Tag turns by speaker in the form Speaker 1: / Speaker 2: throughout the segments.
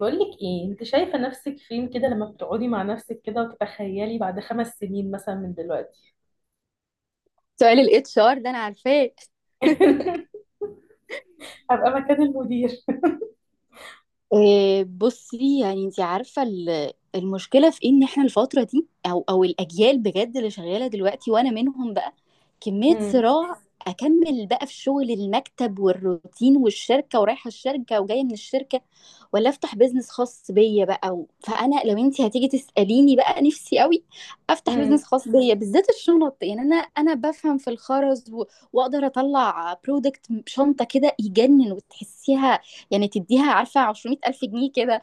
Speaker 1: بقولك ايه انت شايفة نفسك فين كده لما بتقعدي مع نفسك كده وتتخيلي بعد 5 سنين مثلا من دلوقتي؟
Speaker 2: سؤال الاتش ار ده انا عارفاه.
Speaker 1: هبقى مكان المدير.
Speaker 2: آه، بصي، يعني انت عارفه المشكله في إيه؟ ان احنا الفتره دي او الاجيال بجد اللي شغاله دلوقتي وانا منهم بقى. كميه
Speaker 1: امم.
Speaker 2: صراع. اكمل بقى في شغل المكتب والروتين والشركه ورايحه الشركه وجايه من الشركه، ولا افتح بيزنس خاص بيا بقى فانا لو انت هتيجي تساليني بقى نفسي قوي افتح
Speaker 1: امم.
Speaker 2: بيزنس خاص بيا، بالذات الشنط. يعني انا بفهم في الخرز واقدر اطلع برودكت. شنطه كده يجنن وتحسيها، يعني تديها عارفة 200 ألف جنيه كده.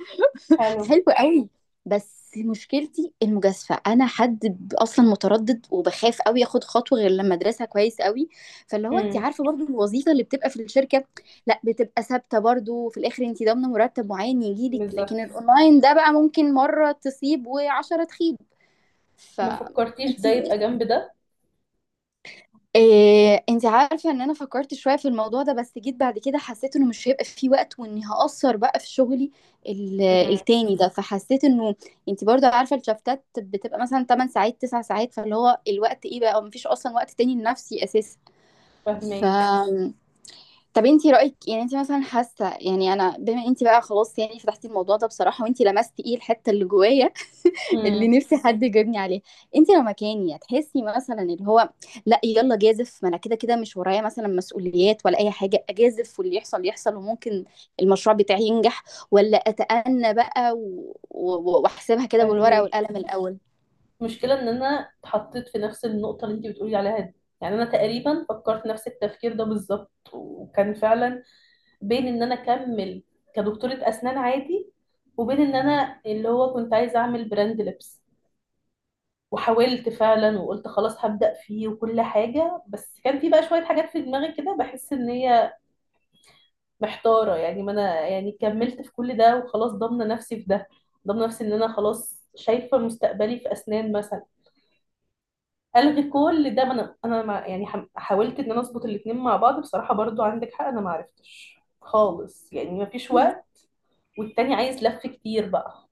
Speaker 1: حلو.
Speaker 2: حلو قوي. بس مشكلتي المجازفة، أنا حد أصلا متردد وبخاف قوي أخد خطوة غير لما أدرسها كويس قوي. فاللي هو أنت
Speaker 1: امم.
Speaker 2: عارفة برضو الوظيفة اللي بتبقى في الشركة، لا، بتبقى ثابتة برضو، في الآخر أنت ضامنة مرتب معين يجيلك، لكن
Speaker 1: بالظبط.
Speaker 2: الأونلاين ده بقى ممكن مرة تصيب وعشرة تخيب. ف
Speaker 1: ما فكرتيش
Speaker 2: انت
Speaker 1: ده يبقى جنب ده؟
Speaker 2: إيه، انت عارفة ان انا فكرت شوية في الموضوع ده، بس جيت بعد كده حسيت انه مش هيبقى فيه وقت واني هقصر بقى في شغلي
Speaker 1: امم.
Speaker 2: التاني ده، فحسيت انه انت برضو عارفة الشفتات بتبقى مثلا 8 ساعات 9 ساعات، فاللي هو الوقت ايه بقى، ومفيش اصلا وقت تاني لنفسي اساسا. ف
Speaker 1: فهماكي.
Speaker 2: طب انت رأيك، يعني انت مثلا حاسة، يعني انا بما انت بقى خلاص يعني فتحتي الموضوع ده بصراحة وانت لمستي ايه الحتة اللي جوايا اللي
Speaker 1: امم.
Speaker 2: نفسي حد يجيبني عليه، انت لو مكاني هتحسي مثلا اللي هو لا يلا جازف، ما انا كده كده مش ورايا مثلا مسؤوليات ولا اي حاجه، اجازف واللي يحصل يحصل وممكن المشروع بتاعي ينجح، ولا اتأنى بقى واحسبها كده بالورقه
Speaker 1: فهماكي.
Speaker 2: والقلم الاول.
Speaker 1: المشكلة ان انا اتحطيت في نفس النقطة اللي انت بتقولي عليها دي. يعني انا تقريبا فكرت نفس التفكير ده بالظبط، وكان فعلا بين ان انا اكمل كدكتورة اسنان عادي، وبين ان انا اللي هو كنت عايزة اعمل براند لبس. وحاولت فعلا وقلت خلاص هبدأ فيه وكل حاجة، بس كان في بقى شوية حاجات في دماغي كده بحس ان هي محتارة. يعني ما انا يعني كملت في كل ده وخلاص ضامنة نفسي في ده، ضامنة نفسي ان انا خلاص شايفة مستقبلي في اسنان مثلا. الغي كل ده؟ ما انا يعني حاولت ان انا اظبط الاتنين مع بعض. بصراحة برضو عندك حق، انا ما عرفتش خالص، يعني ما فيش وقت، والتاني عايز لف كتير بقى.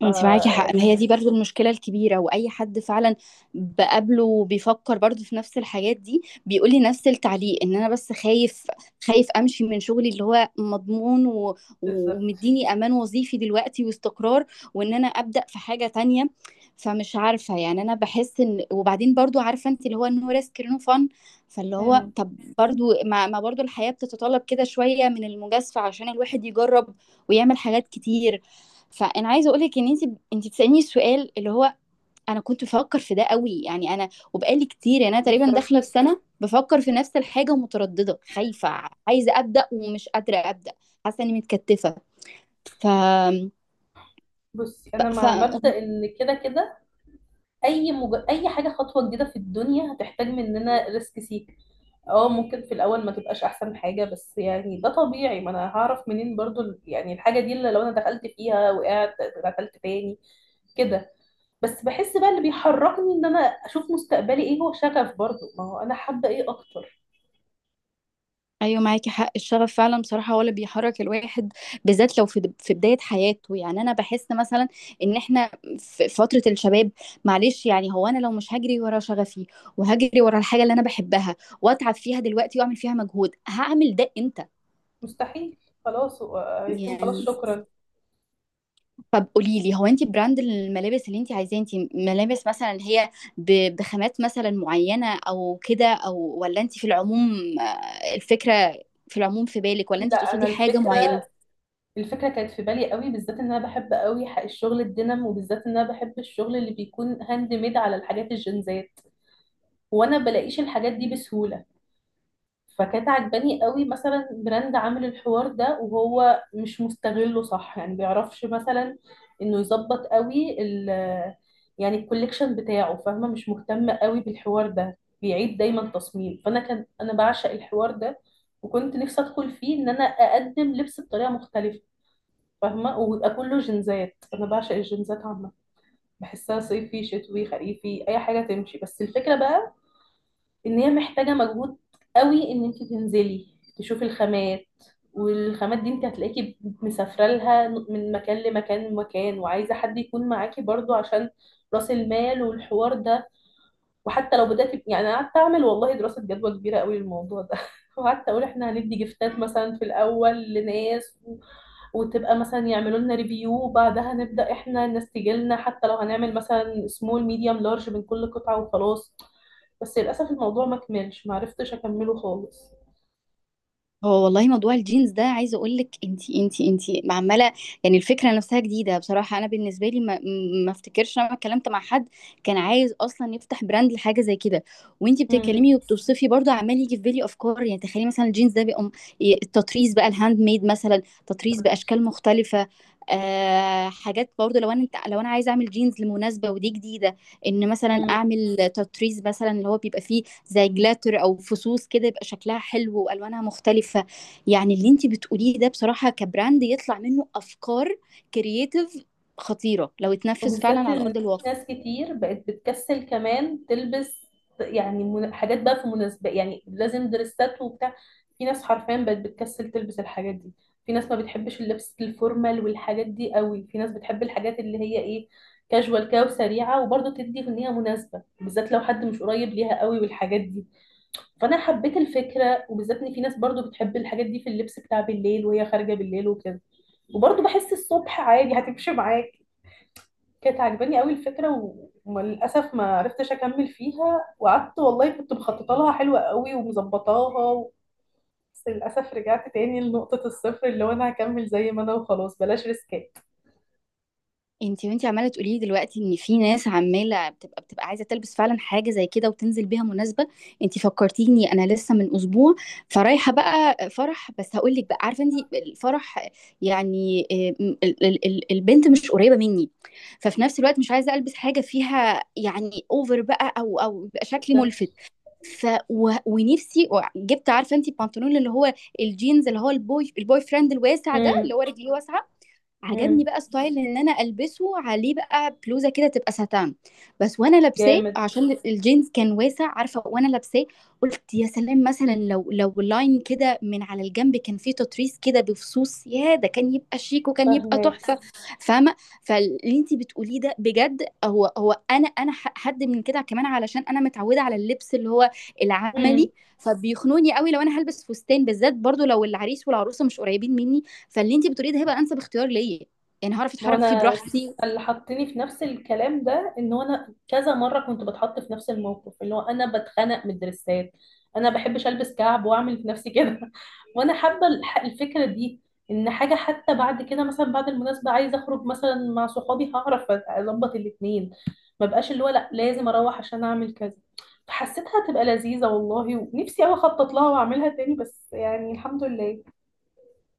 Speaker 1: ف
Speaker 2: انت معاكي حق، ما هي
Speaker 1: يعني
Speaker 2: دي برضو المشكلة الكبيرة، واي حد فعلا بقابله بيفكر برضو في نفس الحاجات دي بيقولي نفس التعليق، ان انا بس خايف، خايف امشي من شغلي اللي هو مضمون
Speaker 1: بالظبط.
Speaker 2: ومديني امان وظيفي دلوقتي واستقرار، وان انا ابدأ في حاجة تانية. فمش عارفة يعني، انا بحس ان، وبعدين برضو عارفة انت اللي هو نو ريسك نو فن، فاللي هو
Speaker 1: مم.
Speaker 2: طب برضو ما برضو الحياة بتتطلب كده شوية من المجازفة عشان الواحد يجرب ويعمل حاجات كتير. فانا عايزه اقول لك ان انت بتسالني السؤال اللي هو، انا كنت بفكر في ده قوي، يعني انا وبقالي كتير، يعني انا تقريبا داخله في
Speaker 1: بالظبط.
Speaker 2: سنه بفكر في نفس الحاجه ومتردده خايفه، عايزه ابدا ومش قادره ابدا، حاسه اني متكتفه. ف...
Speaker 1: بصي انا
Speaker 2: ف...
Speaker 1: مع مبدأ ان كده كده اي حاجه خطوه جديده في الدنيا هتحتاج مننا ريسك سيك. اه، ممكن في الاول ما تبقاش احسن حاجه، بس يعني ده طبيعي. ما انا هعرف منين برضو يعني الحاجه دي اللي لو انا دخلت فيها وقعت، دخلت تاني كده. بس بحس بقى اللي بيحركني ان انا اشوف مستقبلي ايه هو شغف، برضو ما هو انا حابه ايه اكتر.
Speaker 2: ايوه معاكي حق، الشغف فعلا بصراحه هو اللي بيحرك الواحد، بالذات لو في بدايه حياته. يعني انا بحس مثلا ان احنا في فتره الشباب، معلش يعني، هو انا لو مش هجري ورا شغفي وهجري ورا الحاجه اللي انا بحبها واتعب فيها دلوقتي واعمل فيها مجهود، هعمل ده امتى؟
Speaker 1: مستحيل. خلاص هو هيكون خلاص،
Speaker 2: يعني
Speaker 1: شكرا.
Speaker 2: طب قولي لي، هو انت براند الملابس اللي انت عايزاه انت، ملابس مثلا اللي هي بخامات مثلا معينه او كده او، ولا انت في العموم، آه، الفكره في العموم في بالك، ولا انت
Speaker 1: لا، انا
Speaker 2: تقصدي حاجه
Speaker 1: الفكره،
Speaker 2: معينه؟
Speaker 1: الفكره كانت في بالي قوي، بالذات ان انا بحب قوي الشغل الدينام، وبالذات ان انا بحب الشغل اللي بيكون هاند ميد على الحاجات الجنزات. وانا بلاقيش الحاجات دي بسهوله. فكانت عجباني قوي مثلا براند عامل الحوار ده، وهو مش مستغله صح، يعني بيعرفش مثلا انه يظبط قوي يعني الكوليكشن بتاعه، فاهمه، مش مهتم قوي بالحوار ده، بيعيد دايما تصميم. فانا كان انا بعشق الحوار ده، وكنت نفسي ادخل فيه ان انا اقدم لبس بطريقه مختلفه. فاهمة، ويبقى كله جنزات. أنا بعشق الجنزات عامة، بحسها صيفي شتوي خريفي، أي حاجة تمشي. بس الفكرة بقى، إن هي محتاجة مجهود قوي، إن أنت تنزلي تشوفي الخامات، والخامات دي أنت هتلاقيكي مسافرة لها من مكان لمكان لمكان، وعايزة حد يكون معاكي برضو عشان رأس المال والحوار ده. وحتى لو بدأت، يعني أنا قعدت أعمل والله دراسة جدوى كبيرة قوي للموضوع ده. وقعدت أقول إحنا هندي جفتات مثلا في الأول لناس، وتبقى مثلا يعملوا لنا ريفيو، وبعدها نبدأ احنا نستجلنا، حتى لو هنعمل مثلا سمول ميديوم لارج من كل قطعة وخلاص. بس للأسف الموضوع ما كملش، ما عرفتش أكمله خالص.
Speaker 2: هو والله موضوع الجينز ده، عايزه اقول لك، انتي عماله. يعني الفكره نفسها جديده بصراحه، انا بالنسبه لي ما افتكرش انا اتكلمت مع حد كان عايز اصلا يفتح براند لحاجه زي كده. وانتي بتتكلمي وبتوصفي، برضه عمال يجي في بالي افكار، يعني تخيلي مثلا الجينز ده بيقوم، التطريز بقى الهاند ميد مثلا، تطريز باشكال مختلفه. آه، حاجات برضه، لو انا انت لو انا عايزه اعمل جينز لمناسبه ودي جديده، ان مثلا
Speaker 1: امم.
Speaker 2: اعمل تطريز مثلا اللي هو بيبقى فيه زي جلاتر او فصوص كده، يبقى شكلها حلو والوانها مختلفه. يعني اللي انت بتقوليه ده بصراحه، كبراند يطلع منه افكار كرييتيف خطيره لو اتنفذ فعلا
Speaker 1: وبالذات
Speaker 2: على
Speaker 1: ان
Speaker 2: ارض
Speaker 1: في
Speaker 2: الواقع.
Speaker 1: ناس كتير بقت بتكسل كمان تلبس، يعني حاجات بقى في مناسبة يعني لازم دريسات وبتاع. في ناس حرفيا بقت بتكسل تلبس الحاجات دي، في ناس ما بتحبش اللبس الفورمال والحاجات دي قوي، في ناس بتحب الحاجات اللي هي ايه، كاجوال كده وسريعة وبرضه تدي في ان هي مناسبة، بالذات لو حد مش قريب ليها قوي والحاجات دي. فانا حبيت الفكرة، وبالذات ان في ناس برضه بتحب الحاجات دي في اللبس بتاع بالليل وهي خارجة بالليل وكده، وبرضه بحس الصبح عادي هتمشي معاك. كانت عجباني قوي الفكره وللاسف ما عرفتش اكمل فيها، وقعدت والله كنت مخططه لها حلوه قوي ومظبطاها بس للاسف رجعت تاني لنقطه الصفر، اللي هو انا هكمل زي ما انا وخلاص بلاش ريسكات.
Speaker 2: انتي عماله تقولي لي دلوقتي ان في ناس عماله بتبقى عايزه تلبس فعلا حاجه زي كده وتنزل بيها مناسبه. انتي فكرتيني، انا لسه من اسبوع فرايحه بقى فرح، بس هقول لك بقى، عارفه انتي الفرح يعني، البنت مش قريبه مني. ففي نفس الوقت مش عايزه البس حاجه فيها يعني اوفر بقى، او يبقى شكلي
Speaker 1: صفر.
Speaker 2: ملفت. ونفسي، جبت عارفه انتي البنطلون اللي هو الجينز اللي هو البوي فريند الواسع ده،
Speaker 1: امم.
Speaker 2: اللي هو رجليه واسعه. عجبني
Speaker 1: امم.
Speaker 2: بقى ستايل ان انا البسه، عليه بقى بلوزه كده تبقى ساتان بس، وانا لابساه
Speaker 1: جامد.
Speaker 2: عشان الجينز كان واسع، عارفه وانا لابساه قلت يا سلام، مثلا لو لاين كده من على الجنب كان فيه تطريز كده بفصوص يا ده، كان يبقى شيك وكان يبقى
Speaker 1: فهناك.
Speaker 2: تحفه، فاهمه؟ فاللي انت بتقوليه ده بجد، هو انا حد من كده كمان، علشان انا متعوده على اللبس اللي هو العملي، فبيخنوني قوي لو انا هلبس فستان، بالذات برضو لو العريس والعروسه مش قريبين مني. فاللي انت بتقوليه ده هيبقى انسب اختيار ليا، يعني هعرف
Speaker 1: ما هو
Speaker 2: اتحرك فيه براحتي.
Speaker 1: اللي حطني في نفس الكلام ده ان هو انا كذا مره كنت بتحط في نفس الموقف اللي هو انا بتخنق من الدرسات، انا بحبش البس كعب واعمل في نفسي كده. وانا حابه الفكره دي، ان حاجه حتى بعد كده مثلا بعد المناسبه عايزه اخرج مثلا مع صحابي، هعرف اظبط الاتنين، ما بقاش اللي هو لا لازم اروح عشان اعمل كذا. فحسيتها تبقى لذيذه والله، ونفسي قوي اخطط لها واعملها تاني، بس يعني الحمد لله.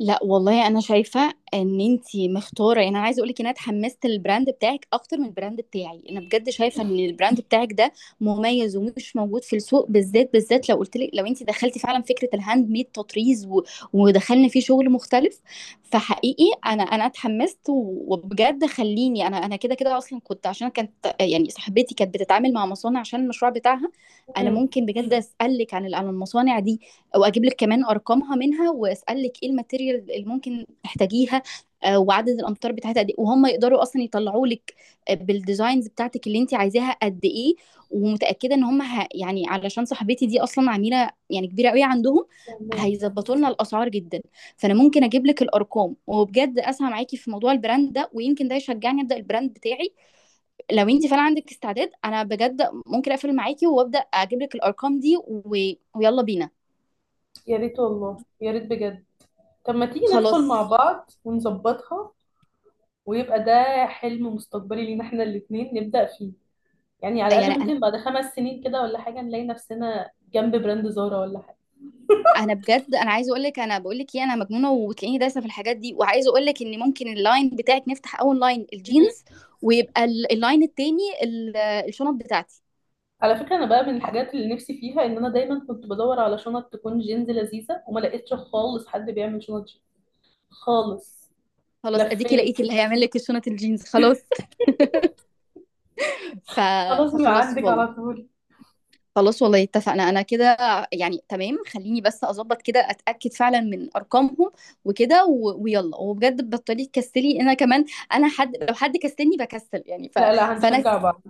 Speaker 2: لا والله، انا شايفه ان انتي مختاره. يعني انا عايزه اقول لك ان انا اتحمست للبراند بتاعك اكتر من البراند بتاعي، انا بجد شايفه ان البراند بتاعك ده مميز ومش موجود في السوق، بالذات بالذات لو قلت لك، لو انتي دخلتي فعلا فكره الهاند ميد تطريز ودخلنا فيه شغل مختلف. فحقيقي انا اتحمست، وبجد خليني، انا كده كده اصلا كنت، عشان كانت، يعني صاحبتي كانت بتتعامل مع مصانع عشان المشروع بتاعها. انا
Speaker 1: امم.
Speaker 2: ممكن بجد اسالك عن عن المصانع دي، واجيب لك كمان ارقامها منها، واسالك ايه الماتيريال اللي ممكن تحتاجيها، وعدد الامتار بتاعتها قد ايه، وهم يقدروا اصلا يطلعوا لك، بالديزاينز بتاعتك اللي انت عايزاها قد ايه. ومتاكده ان هم يعني علشان صاحبتي دي اصلا عميله يعني كبيره قوي عندهم،
Speaker 1: فهماكي.
Speaker 2: هيظبطوا لنا الاسعار جدا. فانا ممكن اجيب لك الارقام، وبجد اسعى معاكي في موضوع البراند ده، ويمكن ده يشجعني ابدا البراند بتاعي. لو انت فعلا عندك استعداد، انا بجد ممكن اقفل معاكي وابدا اجيب لك الارقام دي ويلا بينا.
Speaker 1: يا ريت والله يا ريت بجد. طب ما تيجي ندخل
Speaker 2: خلاص،
Speaker 1: مع بعض ونظبطها، ويبقى ده حلم مستقبلي لينا احنا الاتنين نبدأ فيه. يعني على
Speaker 2: يعني
Speaker 1: الأقل
Speaker 2: انا
Speaker 1: ممكن بعد 5 سنين كده ولا حاجة نلاقي نفسنا جنب براند زارا ولا حاجة.
Speaker 2: انا بجد، انا عايزه اقول لك، انا بقول لك ايه، انا مجنونه وتلاقيني دايسه في الحاجات دي، وعايزه اقول لك ان ممكن اللاين بتاعك نفتح اول لاين
Speaker 1: مم.
Speaker 2: الجينز، ويبقى اللاين التاني الشنط بتاعتي.
Speaker 1: على فكرة أنا بقى من الحاجات اللي نفسي فيها إن أنا دايما كنت بدور على شنط تكون جينز لذيذة، وما لقيتش خالص حد بيعمل شنط جينز خالص.
Speaker 2: خلاص، اديكي
Speaker 1: لفيت.
Speaker 2: لقيتي اللي هيعمل لك الشنط الجينز، خلاص. ف...
Speaker 1: خلاص من
Speaker 2: فخلاص
Speaker 1: عندك على
Speaker 2: والله،
Speaker 1: طول.
Speaker 2: خلاص والله اتفقنا انا كده. يعني تمام، خليني بس اظبط كده، اتاكد فعلا من ارقامهم وكده ويلا، وبجد بطلي تكسلي، انا كمان انا حد، لو حد كسلني بكسل يعني.
Speaker 1: لا لا،
Speaker 2: فانا
Speaker 1: هنشجع بعض.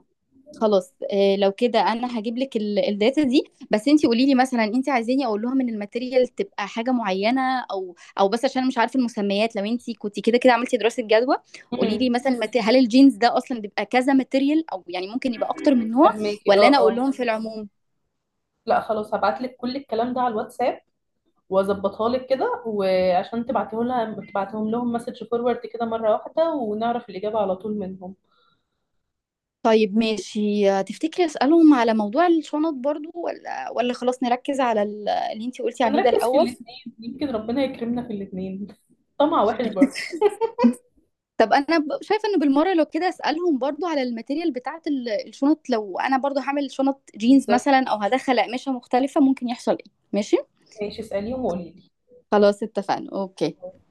Speaker 2: خلاص، لو كده انا هجيب لك الداتا دي. بس انت قولي لي مثلا، انت عايزاني اقول لهم ان الماتيريال تبقى حاجه معينه، او بس عشان أنا مش عارفه المسميات، لو انت كنت كده كده عملتي دراسه جدوى
Speaker 1: امم.
Speaker 2: قولي لي مثلا، هل الجينز ده اصلا بيبقى كذا ماتيريال، او يعني ممكن يبقى اكتر من نوع،
Speaker 1: فهماكي. اه
Speaker 2: ولا انا اقول
Speaker 1: اه.
Speaker 2: لهم في العموم؟
Speaker 1: لا خلاص، هبعتلك كل الكلام ده على الواتساب واظبطها لك كده، وعشان تبعته لها تبعتهم لهم مسج فورورد كده مره واحده، ونعرف الاجابه على طول منهم.
Speaker 2: طيب ماشي، تفتكري اسالهم على موضوع الشنط برضو، ولا خلاص نركز على اللي انت قلتي عليه ده
Speaker 1: ونركز في
Speaker 2: الاول؟
Speaker 1: الاثنين، يمكن ربنا يكرمنا في الاثنين. طمع وحش برضه.
Speaker 2: طب انا شايفه انه بالمره لو كده اسالهم برضو على الماتيريال بتاعه الشنط، لو انا برضو هعمل شنط جينز
Speaker 1: بالظبط.
Speaker 2: مثلا او هدخل اقمشه مختلفه ممكن يحصل ايه. ماشي،
Speaker 1: ماشي اساليهم، وقولي
Speaker 2: خلاص اتفقنا، اوكي.
Speaker 1: لي